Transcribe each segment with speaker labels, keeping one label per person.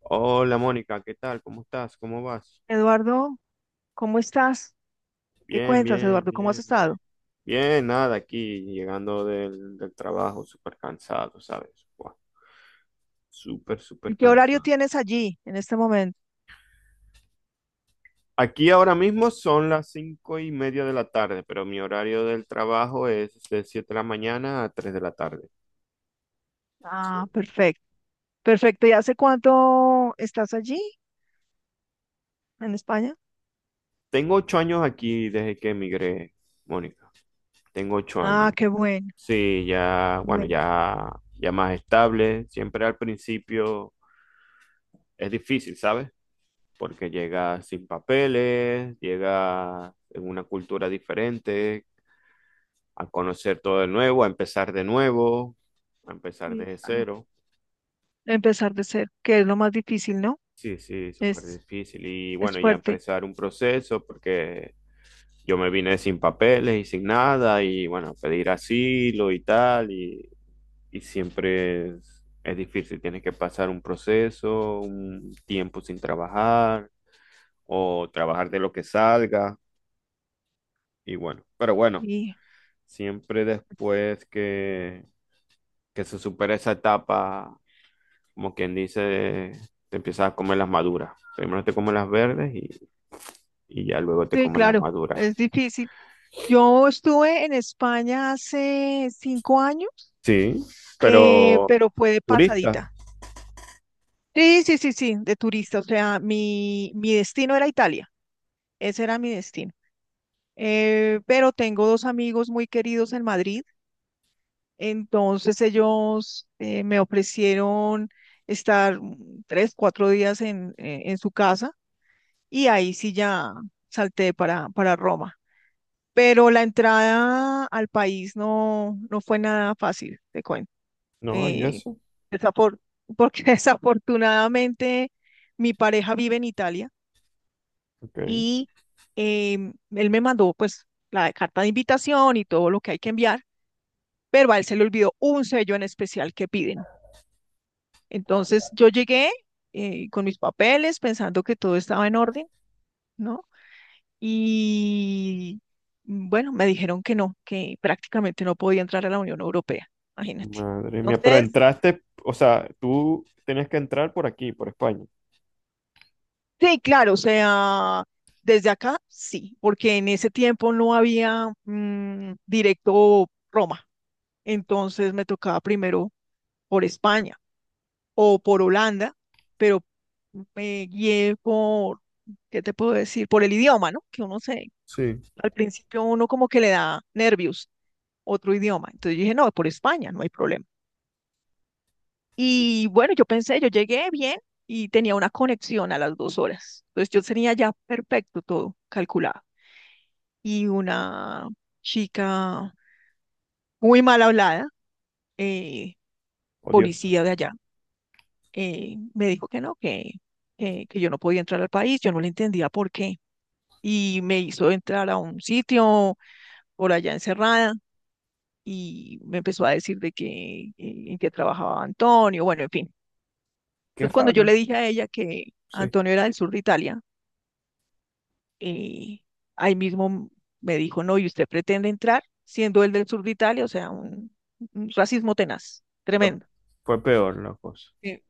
Speaker 1: Hola Mónica, ¿qué tal? ¿Cómo estás? ¿Cómo vas?
Speaker 2: Eduardo, ¿cómo estás? ¿Qué
Speaker 1: Bien,
Speaker 2: cuentas,
Speaker 1: bien,
Speaker 2: Eduardo? ¿Cómo has
Speaker 1: bien, bien.
Speaker 2: estado?
Speaker 1: Bien, nada, aquí llegando del trabajo, súper cansado, ¿sabes? Buah, súper, súper
Speaker 2: ¿Y qué horario
Speaker 1: cansado.
Speaker 2: tienes allí en este momento?
Speaker 1: Aquí ahora mismo son las 5:30 de la tarde, pero mi horario del trabajo es de 7 de la mañana a 3 de la tarde. Sí.
Speaker 2: Ah, perfecto. Perfecto. ¿Y hace cuánto estás allí en España?
Speaker 1: Tengo 8 años aquí desde que emigré, Mónica. Tengo 8
Speaker 2: Ah,
Speaker 1: años.
Speaker 2: qué bueno.
Speaker 1: Sí, ya, bueno,
Speaker 2: Bueno,
Speaker 1: ya, ya más estable. Siempre al principio es difícil, ¿sabes? Porque llega sin papeles, llega en una cultura diferente, a conocer todo de nuevo, a empezar de nuevo, a empezar
Speaker 2: sí,
Speaker 1: desde
Speaker 2: claro.
Speaker 1: cero.
Speaker 2: Empezar de cero, que es lo más difícil, ¿no?
Speaker 1: Sí, sí, súper
Speaker 2: Es,
Speaker 1: difícil. Y
Speaker 2: es
Speaker 1: bueno, ya
Speaker 2: fuerte.
Speaker 1: empezar un proceso porque yo me vine sin papeles y sin nada y bueno, pedir asilo y tal y siempre es difícil. Tienes que pasar un proceso, un tiempo sin trabajar o trabajar de lo que salga y bueno, pero bueno.
Speaker 2: Y
Speaker 1: Siempre después que se supera esa etapa, como quien dice, te empiezas a comer las maduras. Primero te comes las verdes y ya luego te
Speaker 2: sí,
Speaker 1: comes las
Speaker 2: claro,
Speaker 1: maduras.
Speaker 2: es difícil. Yo estuve en España hace 5 años,
Speaker 1: Sí, pero
Speaker 2: pero fue de
Speaker 1: turista.
Speaker 2: pasadita. Sí, sí, sí, sí, de turista. O sea, mi destino era Italia. Ese era mi destino. Pero tengo dos amigos muy queridos en Madrid, entonces ellos me ofrecieron estar 3, 4 días en su casa, y ahí sí ya salté para Roma. Pero la entrada al país no fue nada fácil, te cuento.
Speaker 1: No, y
Speaker 2: Eh,
Speaker 1: eso.
Speaker 2: desafor- Porque desafortunadamente mi pareja vive en Italia.
Speaker 1: Ok.
Speaker 2: Y él me mandó, pues, la carta de invitación y todo lo que hay que enviar, pero a él se le olvidó un sello en especial que piden. Entonces yo llegué con mis papeles pensando que todo estaba en orden, ¿no? Y bueno, me dijeron que no, que prácticamente no podía entrar a la Unión Europea, imagínate.
Speaker 1: Madre mía. Pero
Speaker 2: Entonces,
Speaker 1: entraste, o sea, tú tenías que entrar por aquí, por España.
Speaker 2: sí, claro, o sea, desde acá sí, porque en ese tiempo no había directo Roma. Entonces me tocaba primero por España o por Holanda, pero me guié por, ¿qué te puedo decir? Por el idioma, ¿no? Que uno se,
Speaker 1: Sí.
Speaker 2: al principio uno como que le da nervios otro idioma. Entonces yo dije, no, por España, no hay problema. Y bueno, yo pensé, yo llegué bien y tenía una conexión a las 2 horas. Entonces yo tenía ya perfecto todo calculado. Y una chica muy mal hablada, eh,
Speaker 1: Odiosa.
Speaker 2: policía de allá, me dijo que no, que yo no podía entrar al país, yo no le entendía por qué. Y me hizo entrar a un sitio por allá encerrada y me empezó a decir de que en qué trabajaba Antonio, bueno, en fin.
Speaker 1: Qué
Speaker 2: Entonces cuando yo
Speaker 1: raro.
Speaker 2: le dije a ella que
Speaker 1: Sí.
Speaker 2: Antonio era del sur de Italia, eh, ahí mismo me dijo, no, ¿y usted pretende entrar siendo él del sur de Italia? O sea, un racismo tenaz,
Speaker 1: Fue,
Speaker 2: tremendo.
Speaker 1: fue peor la cosa.
Speaker 2: Eh,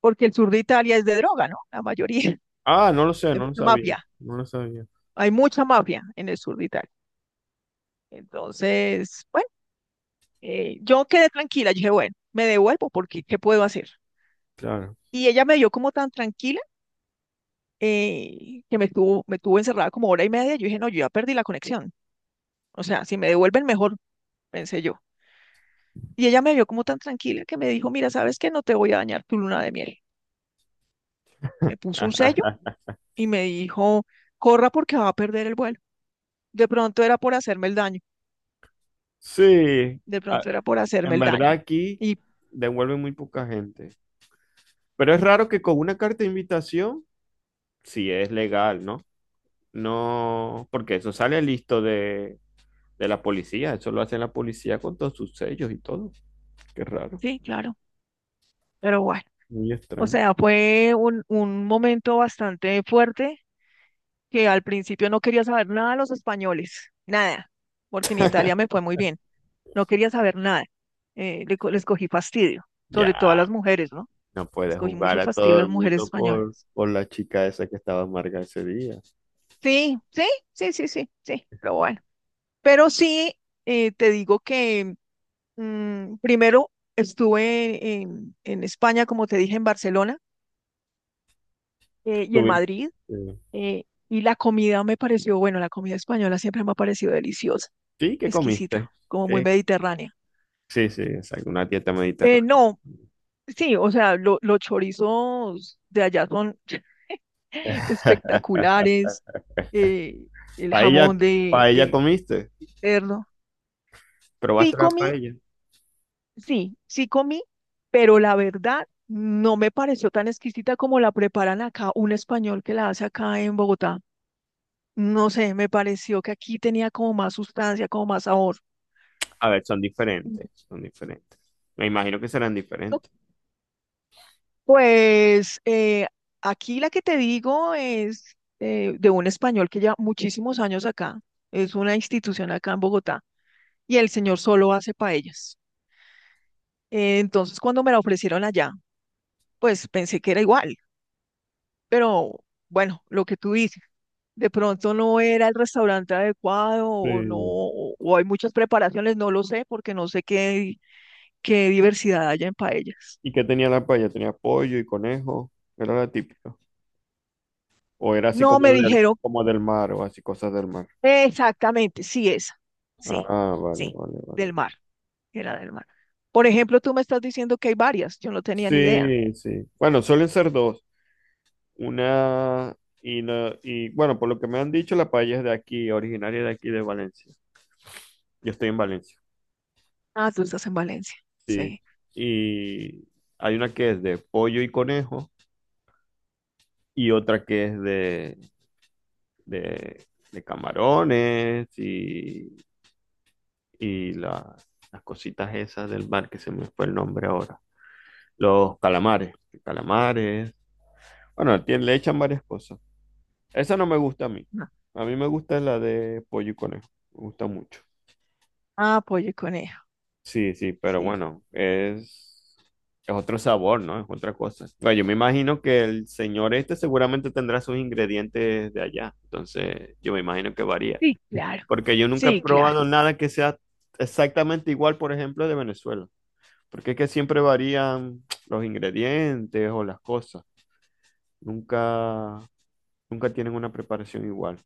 Speaker 2: Porque el sur de Italia es de droga, ¿no? La mayoría,
Speaker 1: Ah, no lo sé,
Speaker 2: hay
Speaker 1: no lo
Speaker 2: mucha
Speaker 1: sabía.
Speaker 2: mafia.
Speaker 1: No lo sabía.
Speaker 2: Hay mucha mafia en el sur de Italia. Entonces, bueno, yo quedé tranquila. Yo dije, bueno, me devuelvo, porque ¿qué puedo hacer?
Speaker 1: Claro.
Speaker 2: Y ella me vio como tan tranquila que me tuvo encerrada como hora y media. Yo dije, no, yo ya perdí la conexión. O sea, si me devuelven mejor, pensé yo. Y ella me vio como tan tranquila que me dijo, mira, ¿sabes qué? No te voy a dañar tu luna de miel. Me puso un sello y me dijo, corra, porque va a perder el vuelo. De pronto era por hacerme el daño,
Speaker 1: Sí,
Speaker 2: de
Speaker 1: a-
Speaker 2: pronto era por hacerme
Speaker 1: en
Speaker 2: el
Speaker 1: verdad
Speaker 2: daño.
Speaker 1: aquí
Speaker 2: Y
Speaker 1: devuelven muy poca gente. Pero es raro que con una carta de invitación, sí es legal, ¿no? No, porque eso sale listo de la policía, eso lo hace la policía con todos sus sellos y todo. Qué raro,
Speaker 2: sí, claro, pero bueno,
Speaker 1: muy
Speaker 2: o
Speaker 1: extraño.
Speaker 2: sea, fue un momento bastante fuerte, que al principio no quería saber nada de los españoles, nada, porque en Italia me fue muy bien, no quería saber nada. Les cogí fastidio, sobre todo a
Speaker 1: Ya,
Speaker 2: las mujeres, ¿no?
Speaker 1: no
Speaker 2: Les
Speaker 1: puedes
Speaker 2: cogí
Speaker 1: jugar
Speaker 2: mucho
Speaker 1: a
Speaker 2: fastidio a
Speaker 1: todo el
Speaker 2: las mujeres
Speaker 1: mundo por,
Speaker 2: españolas.
Speaker 1: por la chica esa que estaba amarga ese día.
Speaker 2: Sí, sí, sí, sí, sí, sí, pero bueno. Pero sí, te digo que primero estuve en España, como te dije, en Barcelona, y en
Speaker 1: ¿Tuviste?
Speaker 2: Madrid. Y la comida me pareció, bueno, la comida española siempre me ha parecido deliciosa,
Speaker 1: Sí, ¿qué comiste?
Speaker 2: exquisita, como muy
Speaker 1: ¿Qué?
Speaker 2: mediterránea.
Speaker 1: Sí, sí, exacto, una dieta mediterránea.
Speaker 2: No, sí, o sea, los chorizos de allá son espectaculares, eh, el
Speaker 1: Paella,
Speaker 2: jamón de,
Speaker 1: paella
Speaker 2: de
Speaker 1: comiste,
Speaker 2: cerdo. Sí
Speaker 1: probaste la
Speaker 2: comí,
Speaker 1: paella.
Speaker 2: sí, sí comí, pero la verdad no me pareció tan exquisita como la preparan acá un español que la hace acá en Bogotá. No sé, me pareció que aquí tenía como más sustancia, como más sabor.
Speaker 1: A ver, son diferentes, son diferentes. Me imagino que serán
Speaker 2: No.
Speaker 1: diferentes.
Speaker 2: Pues aquí la que te digo es de un español que lleva muchísimos años acá, es una institución acá en Bogotá, y el señor solo hace paellas. Entonces, cuando me la ofrecieron allá, pues pensé que era igual, pero bueno, lo que tú dices, de pronto no era el restaurante adecuado, o no,
Speaker 1: Sí.
Speaker 2: o hay muchas preparaciones, no lo sé, porque no sé qué, qué diversidad haya en paellas.
Speaker 1: ¿Y qué tenía la paella? ¿Tenía pollo y conejo? ¿Era la típica? ¿O era así
Speaker 2: No,
Speaker 1: como
Speaker 2: me
Speaker 1: del,
Speaker 2: dijeron.
Speaker 1: como del mar o así cosas del mar?
Speaker 2: Exactamente, sí, esa. Sí,
Speaker 1: Ah, vale,
Speaker 2: sí,
Speaker 1: vale, vale.
Speaker 2: del mar, era del mar. Por ejemplo, tú me estás diciendo que hay varias, yo no tenía ni idea.
Speaker 1: Sí, sí. Bueno, suelen ser dos. Una y bueno, por lo que me han dicho, la paella es de aquí, originaria de aquí de Valencia. Yo estoy en Valencia.
Speaker 2: Ah, tú estás en Valencia,
Speaker 1: Sí.
Speaker 2: sí.
Speaker 1: Y hay una que es de pollo y conejo y otra que es de, de camarones y las cositas esas del mar que se me fue el nombre ahora. Los calamares, calamares. Bueno, le echan varias cosas. Esa no me gusta a mí.
Speaker 2: No.
Speaker 1: A mí me gusta la de pollo y conejo. Me gusta mucho.
Speaker 2: Ah, pollo y conejo,
Speaker 1: Sí, sí, pero
Speaker 2: sí,
Speaker 1: bueno, es, otro sabor, ¿no? Es otra cosa. Bueno, yo me imagino que el señor este seguramente tendrá sus ingredientes de allá. Entonces, yo me imagino que varía.
Speaker 2: sí, claro,
Speaker 1: Porque yo nunca he
Speaker 2: sí, claro,
Speaker 1: probado nada que sea exactamente igual, por ejemplo, de Venezuela. Porque es que siempre varían los ingredientes o las cosas. Nunca, nunca tienen una preparación igual.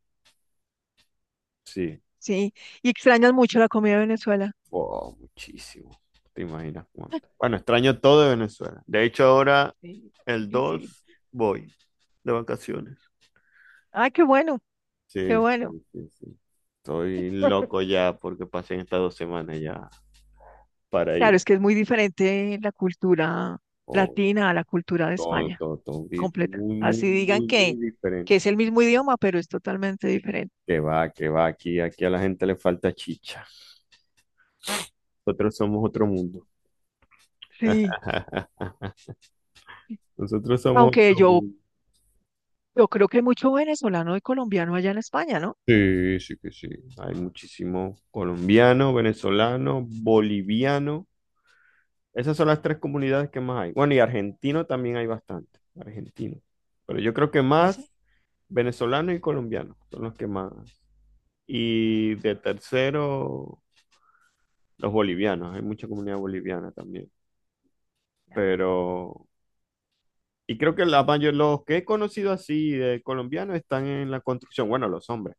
Speaker 1: Sí.
Speaker 2: sí. Y extrañas mucho la comida de Venezuela.
Speaker 1: Wow, muchísimo. ¿Te imaginas cuánto? Bueno, extraño todo de Venezuela. De hecho, ahora
Speaker 2: Sí,
Speaker 1: el
Speaker 2: difícil.
Speaker 1: 2 voy de vacaciones.
Speaker 2: Ah, qué bueno, qué
Speaker 1: Sí,
Speaker 2: bueno.
Speaker 1: sí, sí, sí. Estoy loco ya porque pasé estas 2 semanas ya para
Speaker 2: Claro,
Speaker 1: ir.
Speaker 2: es que es muy diferente la cultura
Speaker 1: Oh,
Speaker 2: latina a la cultura de
Speaker 1: todo,
Speaker 2: España,
Speaker 1: todo, todo un grito
Speaker 2: completa.
Speaker 1: muy, muy,
Speaker 2: Así digan
Speaker 1: muy,
Speaker 2: que,
Speaker 1: muy diferente.
Speaker 2: es el mismo idioma, pero es totalmente diferente.
Speaker 1: Que va, aquí, aquí a la gente le falta chicha. Nosotros somos otro mundo.
Speaker 2: Sí.
Speaker 1: Nosotros somos
Speaker 2: Aunque
Speaker 1: otro
Speaker 2: yo,
Speaker 1: mundo.
Speaker 2: yo creo que hay mucho venezolano y colombiano allá en España, ¿no?
Speaker 1: Sí, sí que sí. Hay muchísimos colombianos, venezolanos, bolivianos. Esas son las tres comunidades que más hay. Bueno, y argentino también hay bastante. Argentino. Pero yo creo que
Speaker 2: No sé.
Speaker 1: más venezolanos y colombianos son los que más. Y de tercero, los bolivianos. Hay mucha comunidad boliviana también. pero... Y creo que la mayor, los que he conocido así de colombianos están en la construcción, bueno, los hombres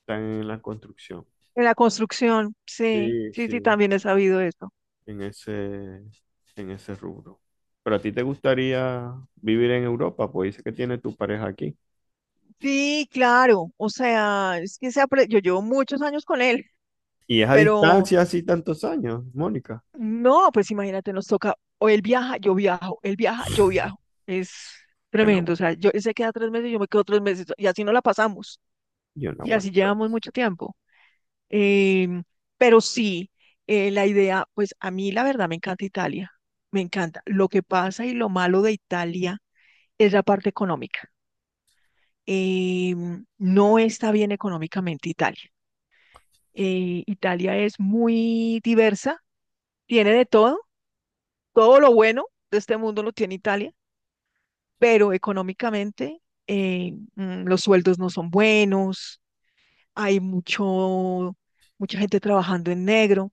Speaker 1: están en la construcción.
Speaker 2: En la construcción, sí,
Speaker 1: Sí,
Speaker 2: sí, sí,
Speaker 1: sí,
Speaker 2: también he sabido eso.
Speaker 1: en ese, en ese rubro. Pero a ti te gustaría vivir en Europa, pues dice que tiene tu pareja aquí.
Speaker 2: Sí, claro, o sea, es que yo llevo muchos años con él,
Speaker 1: Y es a
Speaker 2: pero
Speaker 1: distancia así tantos años, Mónica.
Speaker 2: no, pues imagínate, nos toca, o él viaja, yo viajo, él viaja, yo viajo. Es
Speaker 1: Yo no,
Speaker 2: tremendo, o sea, yo, él se queda 3 meses, yo me quedo 3 meses, y así no la pasamos,
Speaker 1: yo no
Speaker 2: y así
Speaker 1: aguanto.
Speaker 2: llevamos mucho tiempo. Em, pero sí, la idea, pues a mí la verdad me encanta Italia, me encanta. Lo que pasa y lo malo de Italia es la parte económica. No está bien económicamente Italia. Italia es muy diversa, tiene de todo, todo lo bueno de este mundo lo tiene Italia, pero económicamente los sueldos no son buenos, hay mucha gente trabajando en negro,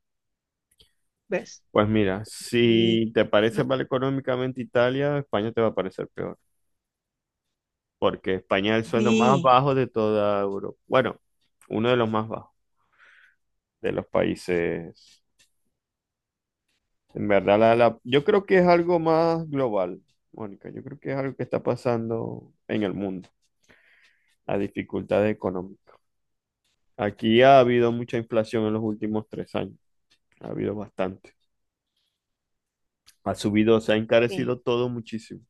Speaker 2: ¿ves?
Speaker 1: Pues mira,
Speaker 2: Y
Speaker 1: si te parece
Speaker 2: lo-
Speaker 1: mal económicamente Italia, España te va a parecer peor, porque España es el sueldo más
Speaker 2: Sí,
Speaker 1: bajo de toda Europa. Bueno, uno de los más bajos de los países. En verdad, yo creo que es algo más global, Mónica. Yo creo que es algo que está pasando en el mundo, la dificultad económica. Aquí ha habido mucha inflación en los últimos 3 años, ha habido bastante. Ha subido, se ha
Speaker 2: sí.
Speaker 1: encarecido todo muchísimo.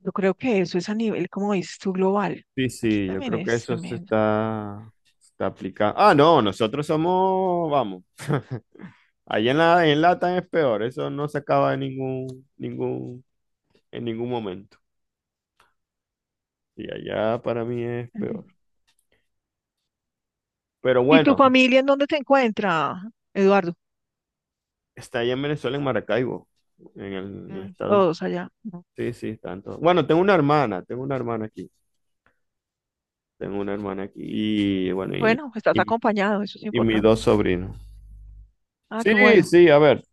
Speaker 2: Yo creo que eso es a nivel, como dices tú, global.
Speaker 1: Sí,
Speaker 2: Aquí
Speaker 1: sí, yo
Speaker 2: también
Speaker 1: creo que
Speaker 2: es
Speaker 1: eso se
Speaker 2: tremendo.
Speaker 1: está, se está aplicando. Ah, no, nosotros somos, vamos. Allá en Latam es peor, eso no se acaba en ningún momento. Y allá para mí es
Speaker 2: Ujú.
Speaker 1: peor. Pero
Speaker 2: ¿Y tu
Speaker 1: bueno,
Speaker 2: familia en dónde te encuentra, Eduardo?
Speaker 1: está allá en Venezuela, en Maracaibo, en el, en el estado.
Speaker 2: Todos allá. Ujú.
Speaker 1: Sí, sí, tanto. Bueno, tengo una hermana aquí y bueno,
Speaker 2: Bueno, estás
Speaker 1: y,
Speaker 2: acompañado, eso es
Speaker 1: y mis
Speaker 2: importante.
Speaker 1: dos sobrinos.
Speaker 2: Ah, qué
Speaker 1: Sí,
Speaker 2: bueno.
Speaker 1: sí, a ver,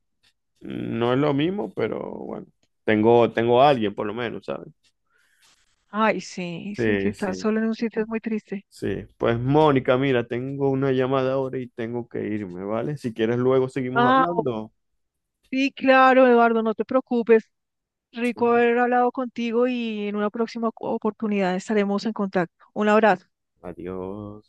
Speaker 1: no es lo mismo, pero bueno, tengo a alguien por lo menos, ¿sabes?
Speaker 2: Ay, sí, sí, sí,
Speaker 1: Sí,
Speaker 2: estás
Speaker 1: sí,
Speaker 2: solo en un sitio es muy triste.
Speaker 1: sí. Pues Mónica, mira, tengo una llamada ahora y tengo que irme, ¿vale? Si quieres luego seguimos
Speaker 2: Ah,
Speaker 1: hablando.
Speaker 2: sí, claro, Eduardo, no te preocupes. Rico haber hablado contigo y en una próxima oportunidad estaremos en contacto. Un abrazo.
Speaker 1: Adiós.